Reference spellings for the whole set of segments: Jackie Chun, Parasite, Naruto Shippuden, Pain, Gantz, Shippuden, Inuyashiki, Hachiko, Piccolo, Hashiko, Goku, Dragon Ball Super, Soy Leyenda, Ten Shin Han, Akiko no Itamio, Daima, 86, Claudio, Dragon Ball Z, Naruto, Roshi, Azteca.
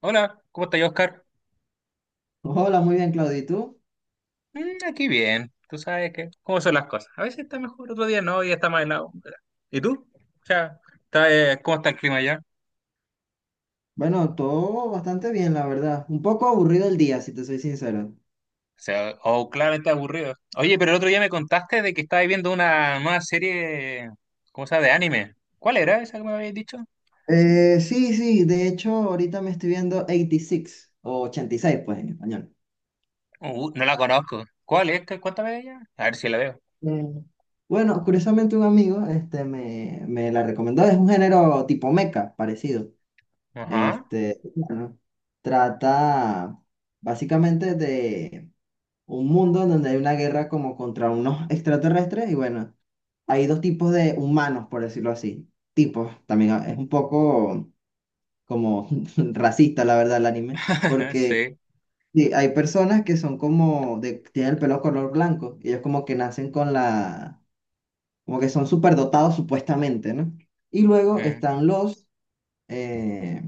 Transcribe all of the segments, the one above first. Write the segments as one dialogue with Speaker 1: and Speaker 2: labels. Speaker 1: Hola, ¿cómo estás, Oscar?
Speaker 2: Hola, muy bien, Claudio. ¿Y tú?
Speaker 1: Mm, aquí bien, tú sabes que, cómo son las cosas. A veces está mejor, otro día no, y está más helado. ¿Y tú? O sea, está, ¿cómo está el clima allá?
Speaker 2: Bueno, todo bastante bien, la verdad. Un poco aburrido el día, si te soy sincero.
Speaker 1: O sea, oh, claramente aburrido. Oye, pero el otro día me contaste de que estabas viendo una nueva serie, ¿cómo se llama? De anime. ¿Cuál era esa que me habías dicho?
Speaker 2: Sí, de hecho, ahorita me estoy viendo 86 o ochenta y seis, pues en español.
Speaker 1: No la conozco. ¿Cuál es? Cuéntame de ella. A ver si la veo.
Speaker 2: Mm. Bueno, curiosamente un amigo me la recomendó. Es un género tipo meca, parecido.
Speaker 1: Ajá,
Speaker 2: Este, bueno, trata básicamente de un mundo en donde hay una guerra como contra unos extraterrestres y bueno, hay dos tipos de humanos, por decirlo así. Tipos, también es un poco como racista, la verdad, el anime, porque
Speaker 1: sí.
Speaker 2: sí, hay personas que son como, de, tienen el pelo color blanco, y ellos como que nacen con la, como que son superdotados supuestamente, ¿no? Y luego
Speaker 1: Mm,
Speaker 2: están eh,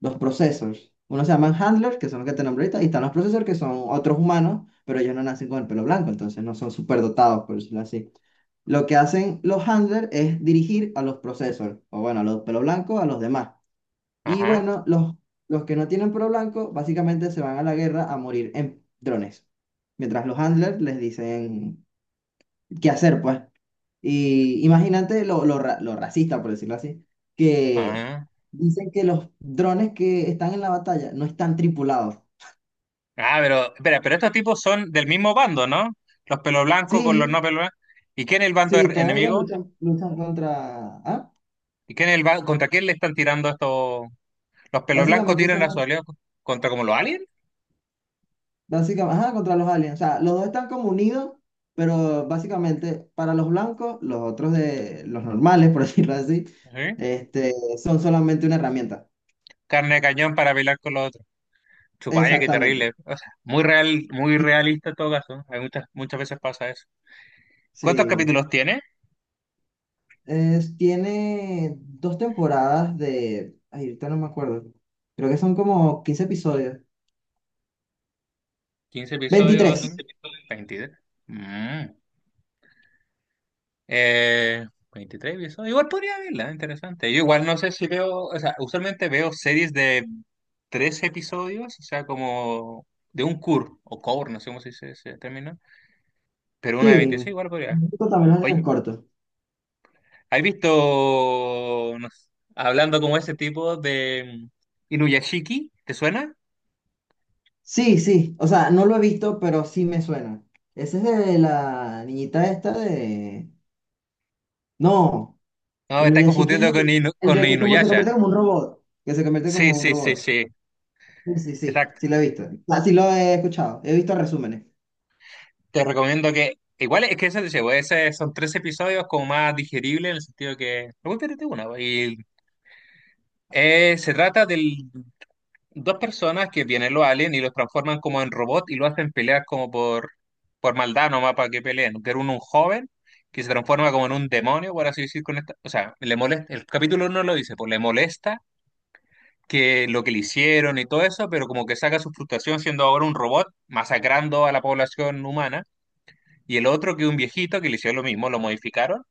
Speaker 2: los processors. Uno se llaman handlers, que son los que te nombré ahorita, y están los processors, que son otros humanos, pero ellos no nacen con el pelo blanco, entonces no son superdotados, por decirlo así. Lo que hacen los handlers es dirigir a los processors, o bueno, a los pelo blanco, a los demás. Y
Speaker 1: ajá,
Speaker 2: bueno, los que no tienen pelo blanco, básicamente se van a la guerra a morir en drones. Mientras los handlers les dicen qué hacer, pues. Y imagínate lo racista, por decirlo así, que
Speaker 1: ajá.
Speaker 2: dicen que los drones que están en la batalla no están tripulados.
Speaker 1: Ah, pero, espera, pero estos tipos son del mismo bando, ¿no? Los pelo blancos con los
Speaker 2: Sí,
Speaker 1: no pelo blancos. ¿Y quién es el bando
Speaker 2: sí, todos ellos
Speaker 1: enemigo?
Speaker 2: luchan, contra... ¿Ah?
Speaker 1: ¿Y quién es el contra quién le están tirando estos? Los pelo blancos
Speaker 2: Básicamente
Speaker 1: tiran a su
Speaker 2: son...
Speaker 1: aliado contra como los aliens,
Speaker 2: Básicamente, ajá, contra los aliens. O sea, los dos están como unidos, pero básicamente para los blancos, los otros de los normales, por decirlo así,
Speaker 1: ¿sí?
Speaker 2: este, son solamente una herramienta.
Speaker 1: Carne de cañón para pelear con los otros. Chupalla, qué
Speaker 2: Exactamente.
Speaker 1: terrible. O sea, muy real, muy realista en todo caso. Hay muchas, muchas veces pasa eso. ¿Cuántos
Speaker 2: Sí.
Speaker 1: capítulos tiene?
Speaker 2: Tiene dos temporadas de... Ay, ahorita no me acuerdo. Creo que son como 15 episodios.
Speaker 1: ¿15 episodios?
Speaker 2: 23.
Speaker 1: ¿22? Eh, 23 episodios. Igual podría verla, interesante. Yo igual no sé si veo, o sea, usualmente veo series de tres episodios, o sea, como de un cur o core, no sé cómo se dice ese término, pero una de 26
Speaker 2: Sí.
Speaker 1: igual podría.
Speaker 2: Esto también lo hacen en el
Speaker 1: Oye,
Speaker 2: corto.
Speaker 1: ¿has visto, no sé, hablando como ese tipo de Inuyashiki? ¿Te suena?
Speaker 2: Sí, sí. O sea, no lo he visto, pero sí me suena. Ese es de la niñita esta de... No.
Speaker 1: No, me estás
Speaker 2: Inuyashiki es
Speaker 1: confundiendo con, Inu-
Speaker 2: el
Speaker 1: con
Speaker 2: de que como se
Speaker 1: Inuyasha.
Speaker 2: convierte como un robot. Que se convierte
Speaker 1: Sí,
Speaker 2: como un
Speaker 1: sí, sí,
Speaker 2: robot.
Speaker 1: sí,
Speaker 2: Sí, sí, sí.
Speaker 1: exacto.
Speaker 2: Sí lo he visto. Ah, sí lo he escuchado. He visto resúmenes.
Speaker 1: Te recomiendo que, igual es que eso te llevo, ese son tres episodios como más digeribles en el sentido que, no espérate una, y se trata de dos personas que vienen los aliens y los transforman como en robot y lo hacen pelear como por maldad nomás para que peleen, que era un joven que se transforma como en un demonio, por así decir, con esta, o sea, le molesta, el capítulo uno lo dice, pues le molesta que lo que le hicieron y todo eso, pero como que saca su frustración siendo ahora un robot masacrando a la población humana y el otro que un viejito que le hicieron lo mismo, lo modificaron,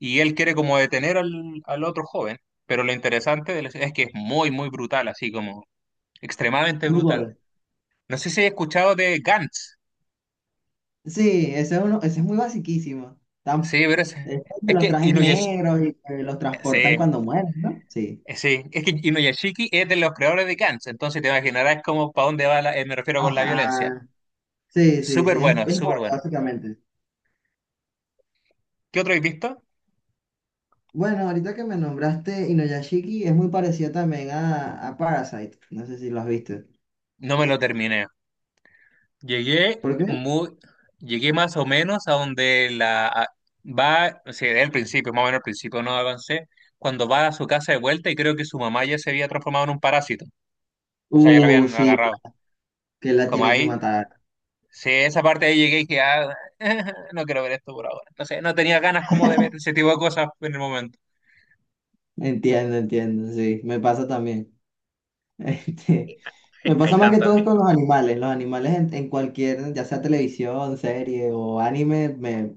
Speaker 1: y él quiere como detener al otro joven, pero lo interesante de es que es muy, muy brutal, así como extremadamente
Speaker 2: Muy
Speaker 1: brutal.
Speaker 2: bueno.
Speaker 1: No sé si he escuchado de Gantz,
Speaker 2: Sí, ese es, uno, ese es muy basiquísimo. Tan,
Speaker 1: sí, pero es,
Speaker 2: es de
Speaker 1: es
Speaker 2: los
Speaker 1: que
Speaker 2: trajes
Speaker 1: Inuyashiki,
Speaker 2: negros y que los
Speaker 1: sí,
Speaker 2: transportan cuando mueren, ¿no? Sí.
Speaker 1: sí, es que Inuyashiki es de los creadores de Gantz, entonces te imaginarás como para dónde va, me refiero con la violencia.
Speaker 2: Ajá. Sí, sí,
Speaker 1: Súper
Speaker 2: sí,
Speaker 1: bueno,
Speaker 2: es
Speaker 1: súper
Speaker 2: joya,
Speaker 1: bueno.
Speaker 2: básicamente.
Speaker 1: ¿Qué otro has visto?
Speaker 2: Bueno, ahorita que me nombraste Inuyashiki es muy parecido también a Parasite. No sé si lo has visto.
Speaker 1: No me lo terminé. Llegué
Speaker 2: ¿Por qué?
Speaker 1: muy, llegué más o menos a donde va, o sea, del principio, más o menos al principio no avancé, cuando va a su casa de vuelta y creo que su mamá ya se había transformado en un parásito, o sea, ya la habían
Speaker 2: Sí,
Speaker 1: agarrado.
Speaker 2: que la
Speaker 1: Como
Speaker 2: tiene que
Speaker 1: ahí,
Speaker 2: matar.
Speaker 1: sí, esa parte ahí llegué y dije, ah, no quiero ver esto por ahora. Entonces, no tenía ganas como de ver ese tipo de cosas en el momento.
Speaker 2: Entiendo, entiendo, sí, me pasa también. Este,
Speaker 1: Hay,
Speaker 2: me pasa
Speaker 1: hay
Speaker 2: más que todo
Speaker 1: tantas.
Speaker 2: es con los animales. Los animales en cualquier, ya sea televisión, serie o anime,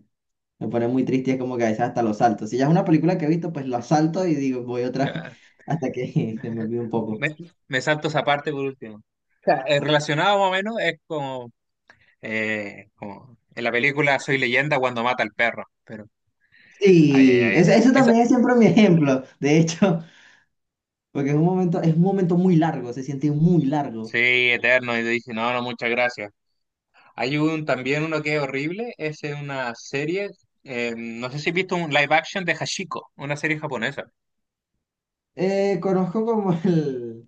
Speaker 2: me pone muy triste y es como que a veces hasta los salto. Si ya es una película que he visto, pues la salto y digo, voy otra vez
Speaker 1: ah,
Speaker 2: hasta que se me
Speaker 1: eh,
Speaker 2: olvide un poco.
Speaker 1: Me, me salto esa parte por último. O sea, relacionado más o menos es como en la película Soy Leyenda cuando mata al perro, pero ay, ay,
Speaker 2: Sí,
Speaker 1: ay.
Speaker 2: eso
Speaker 1: Esa,
Speaker 2: también es siempre mi ejemplo, de hecho. Porque es un momento muy largo, se siente muy
Speaker 1: sí,
Speaker 2: largo.
Speaker 1: eterno, y te dice, no, no, muchas gracias. Hay un también uno que es horrible, es en una serie, no sé si has visto un live action de Hashiko, una serie japonesa.
Speaker 2: Conozco como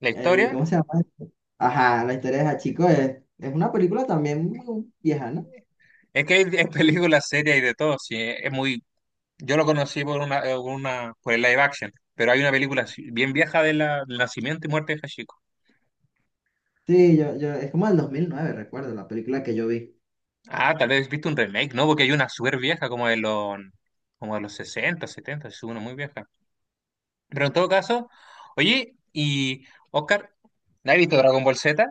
Speaker 1: La
Speaker 2: el,
Speaker 1: historia
Speaker 2: ¿cómo se llama esto? Ajá, la historia de Hachiko es una película también muy vieja, ¿no?
Speaker 1: es que hay, hay películas, series y de todo, sí, es muy, yo lo conocí por una, por el live action, pero hay una película así, bien vieja de la, del nacimiento y muerte de Hashiko.
Speaker 2: Sí, yo es como del 2009 recuerdo, la película que yo vi.
Speaker 1: Ah, tal vez viste un remake, ¿no? Porque hay una súper vieja, como de los 60, 70, es una muy vieja. Pero en todo caso, oye, y Oscar, ¿has visto Dragon Ball Z?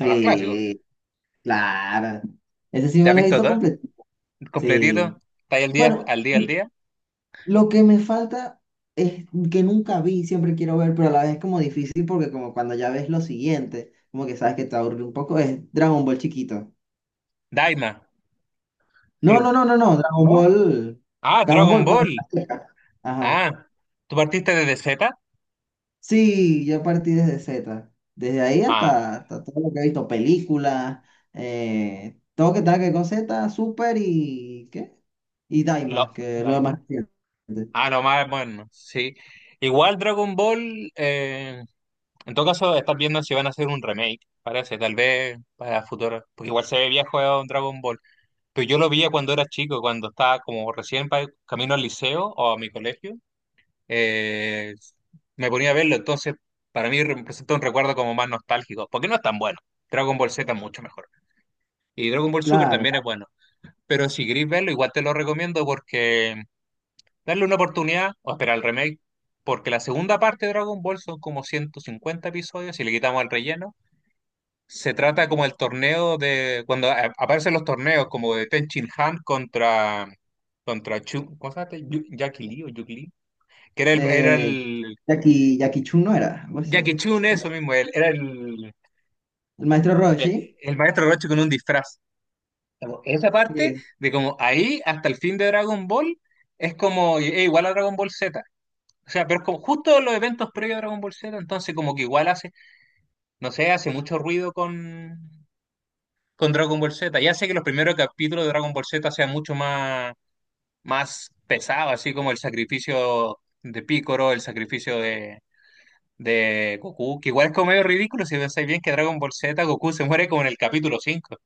Speaker 1: La más clásico.
Speaker 2: claro. Ese sí
Speaker 1: ¿Te
Speaker 2: me
Speaker 1: has
Speaker 2: lo he
Speaker 1: visto
Speaker 2: visto
Speaker 1: todo?
Speaker 2: completo.
Speaker 1: Completito.
Speaker 2: Sí.
Speaker 1: ¿Está ahí al día,
Speaker 2: Bueno.
Speaker 1: al día, al día?
Speaker 2: Lo que me falta es que nunca vi, siempre quiero ver, pero a la vez es como difícil porque como cuando ya ves lo siguiente, como que sabes que te aburre un poco, es Dragon Ball chiquito.
Speaker 1: Daima. Sí.
Speaker 2: No, no, no, no, no, Dragon
Speaker 1: ¿No?
Speaker 2: Ball.
Speaker 1: Ah,
Speaker 2: Dragon
Speaker 1: Dragon
Speaker 2: Ball, pues.
Speaker 1: Ball.
Speaker 2: Azteca. Ajá.
Speaker 1: Ah, ¿tú partiste desde Z?
Speaker 2: Sí, yo partí desde Z. Desde ahí
Speaker 1: Ah,
Speaker 2: hasta, hasta todo lo que he visto, películas, todo que tenga que ver con Z, Super y ¿qué? Y Daima,
Speaker 1: lo,
Speaker 2: que es lo más
Speaker 1: Daima.
Speaker 2: reciente.
Speaker 1: Ah, lo más bueno, sí. Igual Dragon Ball. En todo caso, estás viendo si van a hacer un remake, parece, tal vez para futuro, porque igual se ve viejo a un Dragon Ball. Pero yo lo veía cuando era chico, cuando estaba como recién camino al liceo o a mi colegio, eh, me ponía a verlo, entonces para mí representa un recuerdo como más nostálgico, porque no es tan bueno. Dragon Ball Z es mucho mejor. Y Dragon Ball Super también
Speaker 2: Claro.
Speaker 1: es bueno. Pero si queréis verlo, igual te lo recomiendo porque darle una oportunidad o esperar el remake, porque la segunda parte de Dragon Ball son como 150 episodios, si le quitamos el relleno. Se trata como el torneo de, cuando aparecen los torneos, como de Ten Shin Han contra, Chu, ¿cómo se llama este? Jackie Lee o Yuki Lee, que era el, era
Speaker 2: Eh,
Speaker 1: el,
Speaker 2: Jackie Chun, no era algo
Speaker 1: Jackie
Speaker 2: así.
Speaker 1: Chun, eso mismo, él, era el,
Speaker 2: El maestro
Speaker 1: el,
Speaker 2: Roshi,
Speaker 1: el maestro Roshi con un disfraz. Como esa parte
Speaker 2: sí.
Speaker 1: de como ahí hasta el fin de Dragon Ball es como igual a Dragon Ball Z. O sea, pero es como justo los eventos previos a Dragon Ball Z, entonces como que igual hace, no sé, hace mucho ruido con Dragon Ball Z. Ya sé que los primeros capítulos de Dragon Ball Z sean mucho más pesados, así como el sacrificio de Piccolo, el sacrificio de Goku, que igual es como medio ridículo si pensáis bien que Dragon Ball Z Goku se muere como en el capítulo 5.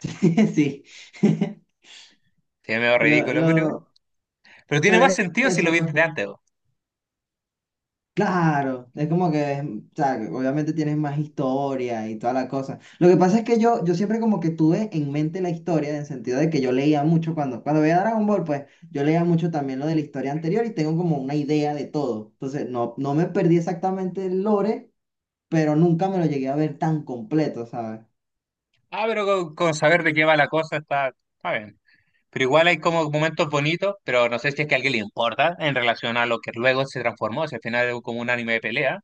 Speaker 2: Sí.
Speaker 1: Sí, es medio
Speaker 2: Lo,
Speaker 1: ridículo, pero igual.
Speaker 2: lo,
Speaker 1: Pero tiene
Speaker 2: pero
Speaker 1: más
Speaker 2: es
Speaker 1: sentido si lo
Speaker 2: eso, pues,
Speaker 1: viste de
Speaker 2: pues,
Speaker 1: antes. Po.
Speaker 2: claro, es como que, o sea, que obviamente tienes más historia y toda la cosa. Lo que pasa es que yo siempre como que tuve en mente la historia, en el sentido de que yo leía mucho cuando, cuando veía Dragon Ball, pues, yo leía mucho también lo de la historia anterior y tengo como una idea de todo. Entonces, no, no me perdí exactamente el lore, pero nunca me lo llegué a ver tan completo, ¿sabes?
Speaker 1: Ah, pero con saber de qué va la cosa está bien. Pero igual hay como momentos bonitos, pero no sé si es que a alguien le importa en relación a lo que luego se transformó, si al final es como un anime de pelea.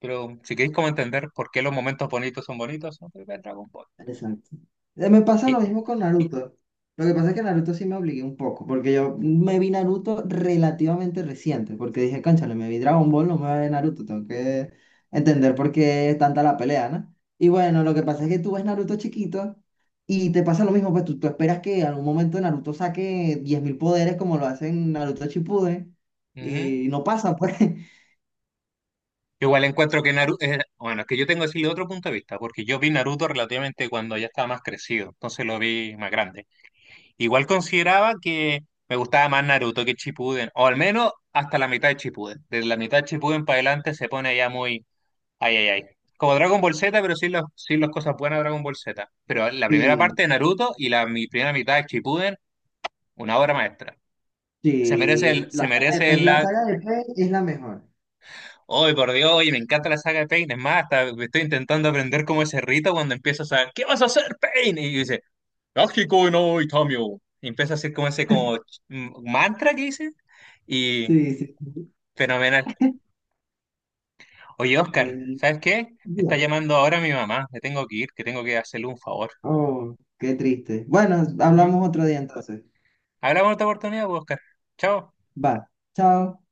Speaker 1: Pero si queréis como entender por qué los momentos bonitos son bonitos, no ver Dragon Ball.
Speaker 2: Exacto. Me pasa lo
Speaker 1: Y-
Speaker 2: mismo con Naruto. Lo que pasa es que Naruto sí me obligué un poco, porque yo me vi Naruto relativamente reciente, porque dije, cónchale, me vi Dragon Ball, no me voy a ver Naruto, tengo que entender por qué es tanta la pelea, ¿no? Y bueno, lo que pasa es que tú ves Naruto chiquito y te pasa lo mismo, pues tú esperas que en algún momento Naruto saque 10.000 poderes como lo hacen Naruto Shippuden,
Speaker 1: ujú.
Speaker 2: y no pasa, pues.
Speaker 1: Yo igual encuentro que Naruto, bueno, es que yo tengo que decirle otro punto de vista, porque yo vi Naruto relativamente cuando ya estaba más crecido, entonces lo vi más grande. Igual consideraba que me gustaba más Naruto que Shippuden, o al menos hasta la mitad de Shippuden. Desde la mitad de Shippuden para adelante se pone ya muy, ay, ay, ay. Como Dragon Ball Z, pero sin las cosas buenas de Dragon Ball Z. Pero la primera
Speaker 2: Sí,
Speaker 1: parte de Naruto y la mi primera mitad de Shippuden, una obra maestra. Se merece
Speaker 2: sí,
Speaker 1: el, se
Speaker 2: la saga de
Speaker 1: merece
Speaker 2: Pain,
Speaker 1: el
Speaker 2: la
Speaker 1: lag.
Speaker 2: saga de Pain es la mejor.
Speaker 1: Hoy, por Dios, oye, me encanta la saga de Pain. Es más, hasta estoy intentando aprender cómo es Rita cuando empiezas a, ¿qué vas a hacer, Pain? Y dice, Akiko no Itamio. Y empieza a hacer como ese como mantra que dice. Y
Speaker 2: Sí,
Speaker 1: fenomenal. Oye, Oscar,
Speaker 2: sí.
Speaker 1: ¿sabes qué? Me está
Speaker 2: Ya.
Speaker 1: llamando ahora mi mamá. Me tengo que ir, que tengo que hacerle un favor.
Speaker 2: Oh, qué triste. Bueno,
Speaker 1: Ujú.
Speaker 2: hablamos otro día entonces.
Speaker 1: Hablamos en otra oportunidad, pues, Oscar.
Speaker 2: Va. Chao.